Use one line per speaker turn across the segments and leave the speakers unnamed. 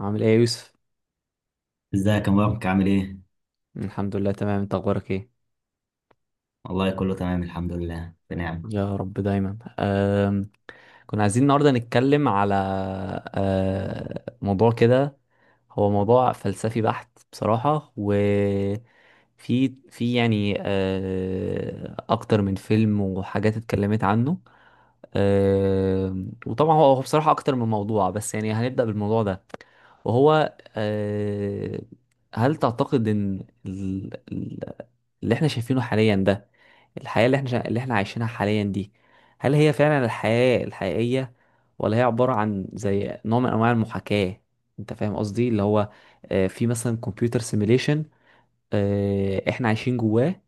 عامل ايه يا يوسف؟
ازيك يا مبارك؟ عامل ايه؟
الحمد لله تمام، انت اخبارك ايه؟
والله كله تمام الحمد لله بنعم.
يا رب دايما. كنا عايزين النهارده نتكلم على موضوع كده. هو موضوع فلسفي بحت بصراحة، و في يعني اكتر من فيلم وحاجات اتكلمت عنه. وطبعا هو بصراحة أكتر من موضوع، بس يعني هنبدأ بالموضوع ده. وهو هل تعتقد إن اللي إحنا شايفينه حاليا ده، الحياة اللي اللي إحنا عايشينها حاليا دي، هل هي فعلا الحياة الحقيقية، ولا هي عبارة عن زي نوع من أنواع المحاكاة؟ أنت فاهم قصدي؟ اللي هو في مثلا كمبيوتر سيميليشن، إحنا عايشين جواه،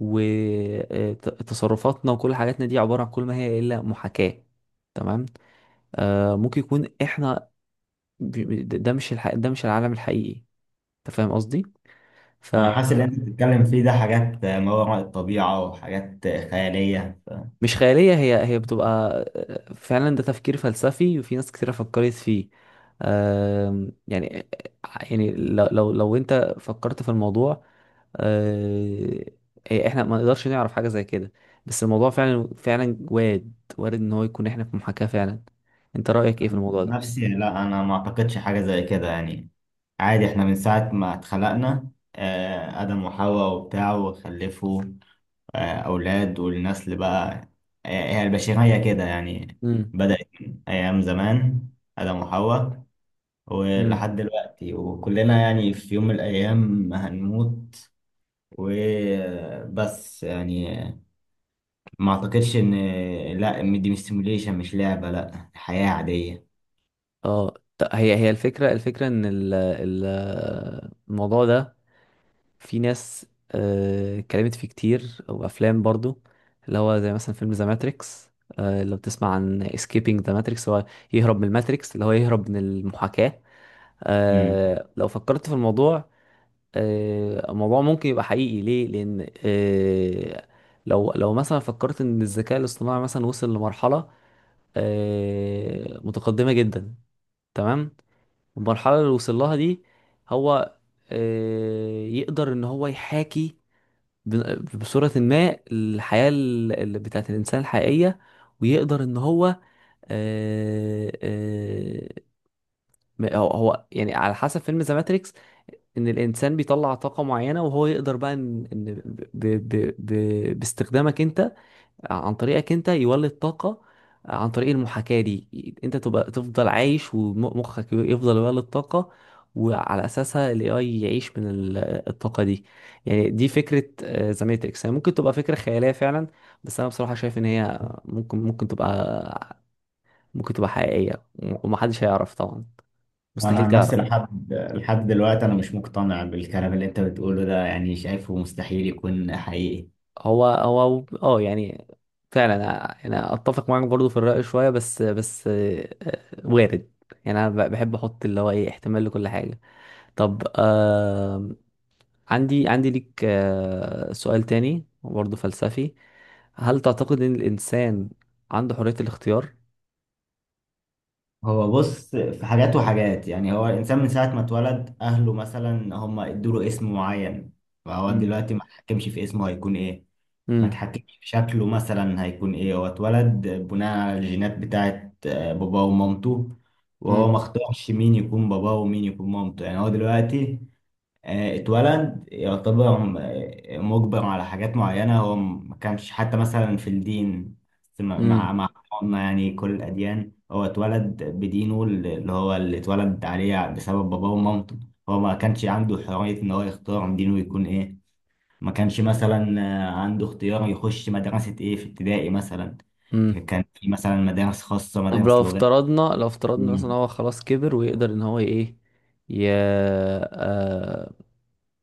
وتصرفاتنا وكل حاجاتنا دي عبارة عن، كل ما هي إلا محاكاة. تمام. آه ممكن يكون احنا، ده مش الح... ده مش العالم الحقيقي. انت فاهم قصدي؟
انا حاسس
فمش.
اللي انت بتتكلم فيه ده حاجات ما وراء الطبيعة وحاجات خيالية. أنا
خيالية، هي بتبقى. فعلا ده تفكير فلسفي، وفي ناس كتيرة فكرت فيه. يعني يعني لو انت فكرت في الموضوع، آه، إيه، احنا ما نقدرش نعرف حاجة زي كده. بس الموضوع فعلا وارد، ان هو يكون احنا في محاكاة فعلا. انت رأيك ايه في
عن
الموضوع ده؟
نفسي لا، انا ما اعتقدش حاجة زي كده يعني. عادي احنا من ساعة ما اتخلقنا، آدم وحواء وبتاع، وخلفوا اولاد والنسل بقى. هي البشرية كده يعني،
امم.
بدأت من ايام زمان، آدم وحواء،
امم.
ولحد دلوقتي. وكلنا يعني في يوم من الايام هنموت وبس يعني. ما اعتقدش ان، لا، إن دي مش سيموليشن، مش لعبة، لا، حياة عادية.
اه، هي الفكرة ان الموضوع ده، في ناس اتكلمت فيه كتير، او افلام برضو. اللي هو زي مثلا فيلم ذا ماتريكس. لو بتسمع عن اسكيبينج ذا ماتريكس، هو يهرب من الماتريكس، اللي هو يهرب من المحاكاة.
امم
لو فكرت في الموضوع، الموضوع ممكن يبقى حقيقي. ليه؟ لان لو مثلا فكرت ان الذكاء الاصطناعي مثلا وصل لمرحله متقدمه جدا. تمام. المرحله اللي وصل لها دي، هو يقدر ان هو يحاكي بصوره ما الحياه بتاعت الانسان الحقيقيه، ويقدر ان هو آه، آه، هو يعني على حسب فيلم ذا ماتريكس، ان الانسان بيطلع طاقه معينه، وهو يقدر بقى ان باستخدامك انت، عن طريقك انت يولد طاقه عن طريق المحاكاه دي. انت تبقى تفضل عايش، ومخك يفضل يولد طاقه، وعلى اساسها الاي اي يعيش من الطاقه دي. يعني دي فكره. ذا ماتريكس هي ممكن تبقى فكره خياليه فعلا، بس انا بصراحه شايف ان هي ممكن ممكن تبقى حقيقيه. ومحدش هيعرف طبعا،
انا
مستحيل
عن
تعرف.
نفسي لحد دلوقتي انا مش مقتنع بالكلام اللي انت بتقوله ده يعني، شايفه مستحيل يكون حقيقي.
هو يعني فعلا انا اتفق معاك برضو في الرأي شوية، بس وارد. يعني انا بحب احط اللي هو ايه، احتمال لكل حاجة. طب آه، عندي ليك آه سؤال تاني برضو فلسفي. هل تعتقد ان الانسان عنده حرية الاختيار؟
هو بص، في حاجات وحاجات يعني، هو الإنسان من ساعة ما اتولد أهله مثلا هم ادوله اسم معين، فهو
مم.
دلوقتي ما اتحكمش في اسمه هيكون إيه، ما
امم.
اتحكمش في شكله مثلا هيكون إيه. هو اتولد بناء على الجينات بتاعت باباه ومامته، وهو
امم.
ما اختارش مين يكون باباه ومين يكون مامته. يعني هو دلوقتي اتولد يعتبر مجبر على حاجات معينة. هو ما كانش حتى مثلا في الدين، بس مع مع
امم.
مع حضرنا يعني كل الأديان، هو اتولد بدينه اللي هو اللي اتولد عليه بسبب باباه ومامته. هو ما كانش عنده حرية إن هو يختار دينه يكون إيه. ما كانش مثلا عنده اختيار يخش مدرسة إيه في ابتدائي مثلا،
امم.
كان في مثلا مدارس خاصة،
طب
مدارس لغات.
لو افترضنا مثلا هو خلاص كبر، ويقدر ان هو ايه، ي... آه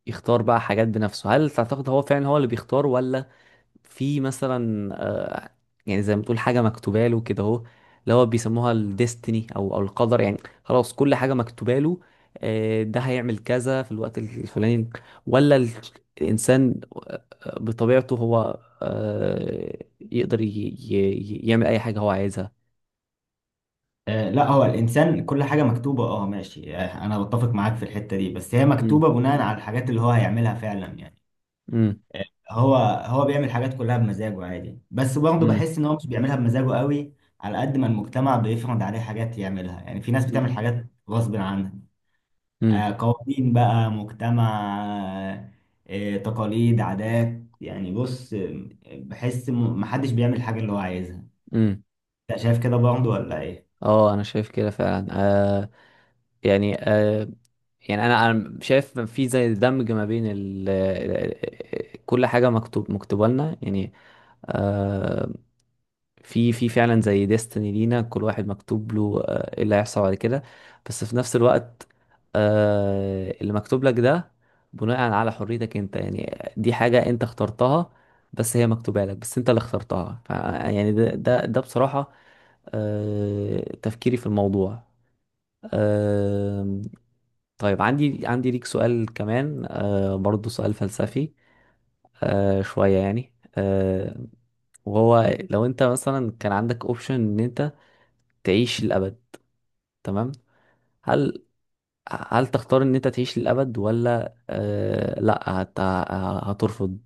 يختار بقى حاجات بنفسه، هل تعتقد هو فعلا هو اللي بيختار؟ ولا في مثلا يعني زي ما تقول حاجة مكتوبة له كده، اهو اللي هو بيسموها الديستني، او القدر يعني. خلاص كل حاجة مكتوبة له، ده هيعمل كذا في الوقت الفلاني، ولا الانسان بطبيعته هو يقدر يعمل اي حاجة هو عايزها.
لا، هو الانسان كل حاجه مكتوبه، اه ماشي، انا بتفق معاك في الحته دي، بس هي مكتوبه
امم.
بناء على الحاجات اللي هو هيعملها فعلا يعني.
امم.
آه، هو هو بيعمل حاجات كلها بمزاجه عادي، بس برضه
امم.
بحس ان هو مش بيعملها بمزاجه قوي، على قد ما المجتمع بيفرض عليه حاجات يعملها. يعني في ناس بتعمل حاجات غصب عنها،
امم.
قوانين بقى، مجتمع، آه، تقاليد، عادات. يعني بص، بحس محدش بيعمل حاجه اللي هو عايزها.
امم.
انت شايف كده برضه ولا ايه؟
اه انا شايف كده فعلا. آه يعني، آه يعني انا شايف إن في زي دمج ما بين كل حاجه مكتوبه لنا يعني. آه، في فعلا زي ديستني لينا، كل واحد مكتوب له آه ايه اللي هيحصل بعد كده. بس في نفس الوقت، آه اللي مكتوب لك ده بناء على حريتك انت. يعني دي حاجه انت اخترتها، بس هي مكتوبه لك، بس انت اللي اخترتها. يعني ده بصراحه آه تفكيري في الموضوع. طيب عندي ليك سؤال كمان آه برضو، سؤال فلسفي آه شوية يعني، آه. وهو لو انت مثلا كان عندك اوبشن ان انت تعيش للأبد، تمام، هل هل تختار ان انت تعيش للأبد، ولا آه لا هترفض؟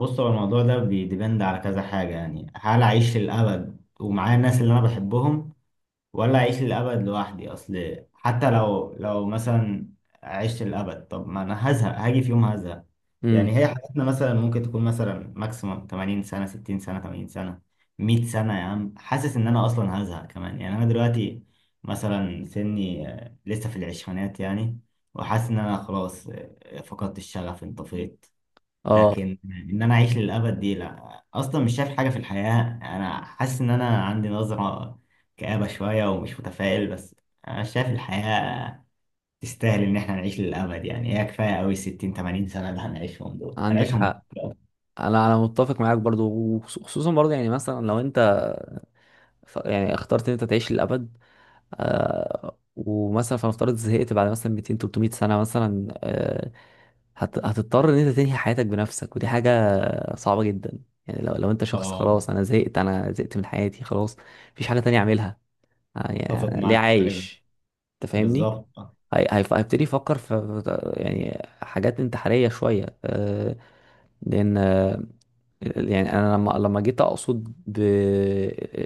بص، هو الموضوع ده بيديبند على كذا حاجة يعني. هل أعيش للأبد ومعايا الناس اللي أنا بحبهم، ولا أعيش للأبد لوحدي؟ أصل حتى لو مثلا عشت للأبد، طب ما أنا هزهق، هاجي في يوم هزهق يعني.
امم.
هي حياتنا مثلا ممكن تكون مثلا ماكسيموم 80 سنة، 60 سنة، 80 سنة، 100 سنة يا عم. حاسس إن أنا أصلا هزهق كمان يعني. أنا دلوقتي مثلا سني لسه في العشرينات يعني، وحاسس إن أنا خلاص فقدت الشغف، انطفيت.
اه،
لكن ان انا اعيش للابد دي لا، اصلا مش شايف حاجه في الحياه. انا حاسس ان انا عندي نظره كآبه شويه ومش متفائل، بس انا شايف الحياه تستاهل ان احنا نعيش للابد يعني. هي كفايه قوي 60، 80 سنه اللي هنعيشهم دول،
عندك
هنعيشهم
حق.
بالظبط.
انا متفق معاك برضو. وخصوصا برضو يعني، مثلا لو انت يعني اخترت ان انت تعيش للأبد، ومثلا فنفترض زهقت بعد مثلا 200 300 سنة مثلا، هتضطر ان انت تنهي حياتك بنفسك، ودي حاجة صعبة جدا. يعني لو انت شخص
اه،
خلاص، انا زهقت، من حياتي خلاص، مفيش حاجة تانية اعملها،
اتفق
يعني ليه
معاك في حاجه ده،
عايش. انت فاهمني؟
بالظبط.
هيبتدي يفكر في يعني حاجات انتحارية شوية. لان يعني انا لما جيت اقصد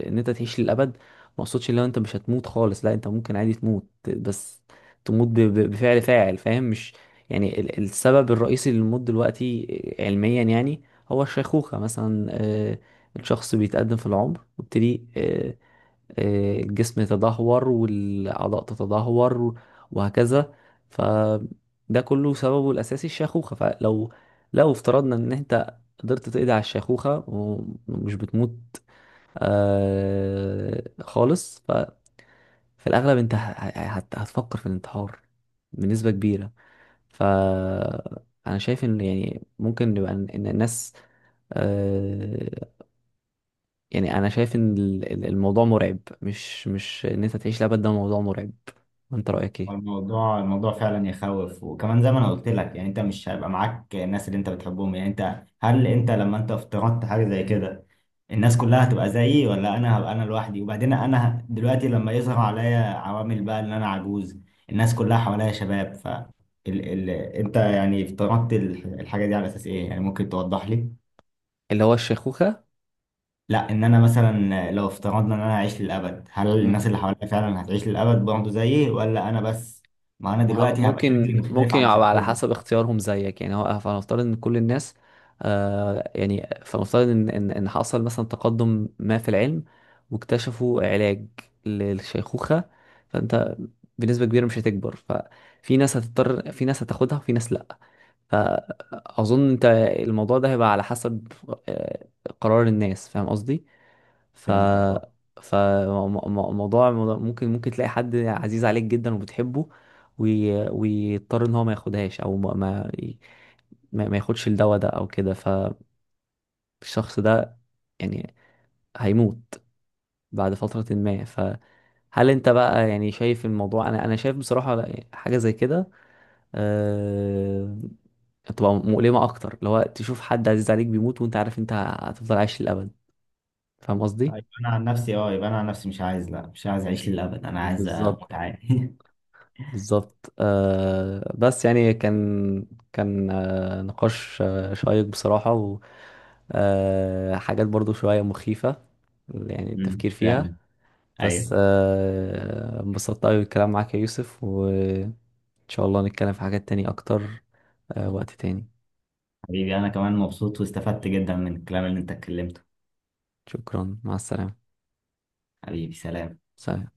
ان انت تعيش للابد، ما اقصدش ان انت مش هتموت خالص. لا انت ممكن عادي تموت، بس تموت بفعل فاعل. فاهم؟ مش يعني السبب الرئيسي للموت دلوقتي علميا يعني، هو الشيخوخة مثلا. الشخص بيتقدم في العمر، ويبتدي الجسم يتدهور والأعضاء تتدهور وهكذا. فده كله سببه الأساسي الشيخوخة. فلو، لو افترضنا إن أنت قدرت تقضي على الشيخوخة، ومش بتموت آه خالص، ففي الأغلب أنت هتفكر في الانتحار بنسبة كبيرة. فأنا شايف إن يعني ممكن نبقى، إن الناس، آه، يعني انا شايف ان الموضوع مرعب. مش ان انت تعيش لابد، ده موضوع مرعب. انت رأيك ايه؟
الموضوع، الموضوع فعلا يخوف، وكمان زي ما انا قلت لك يعني، انت مش هيبقى معاك الناس اللي انت بتحبهم. يعني انت، هل انت لما انت افترضت حاجه زي كده، الناس كلها هتبقى زيي، ولا انا هبقى انا لوحدي؟ وبعدين انا دلوقتي لما يظهر عليا عوامل بقى ان انا عجوز، الناس كلها حواليا شباب، انت يعني افترضت الحاجه دي على اساس ايه يعني؟ ممكن توضح لي؟
اللي هو الشيخوخة.
لا، ان انا مثلا لو افترضنا ان انا اعيش للابد، هل
مم.
الناس اللي حواليا فعلا هتعيش للابد برضه زيي، ولا انا بس؟ ما انا دلوقتي هبقى شكلي
ممكن
مختلف
ممكن
عن
يبقى على
شكلهم.
حسب اختيارهم زيك يعني. هو فنفترض ان كل الناس، آه يعني، فنفترض ان إن حصل مثلا تقدم ما في العلم، واكتشفوا علاج للشيخوخة. فانت بنسبة كبيرة مش هتكبر. ففي ناس هتضطر، في ناس هتاخدها وفي ناس لا. فأظن أنت الموضوع ده هيبقى على حسب آه، قرار الناس. فاهم قصدي؟ ف
فهمتك، اه.
فموضوع ممكن تلاقي حد عزيز عليك جدا وبتحبه، ويضطر ان هو ما ياخدهاش، او ما ياخدش الدواء ده او كده. فالشخص ده يعني هيموت بعد فترة ما. فهل انت بقى يعني شايف الموضوع؟ انا شايف بصراحة، حاجة زي كده آه، هتبقى مؤلمة أكتر. اللي هو تشوف حد عزيز عليك بيموت، وأنت عارف أنت هتفضل عايش للأبد. فاهم قصدي؟
طيب انا عن نفسي اه، يبقى انا عن نفسي مش عايز، لا مش عايز اعيش للابد، انا عايز
بالظبط.
اموت عادي
بالظبط آه. بس يعني، كان آه نقاش آه شيق بصراحة، و آه حاجات برضو شوية مخيفة يعني التفكير فيها.
فعلا. ايوه،
بس آه انبسطت أوي بالكلام معاك يا يوسف، وإن شاء الله نتكلم في حاجات تاني أكتر آه وقت تاني.
حبيبي، انا كمان مبسوط واستفدت جدا من الكلام اللي انت اتكلمته.
شكرا. مع السلامة.
حبيبي، سلام.
سلام.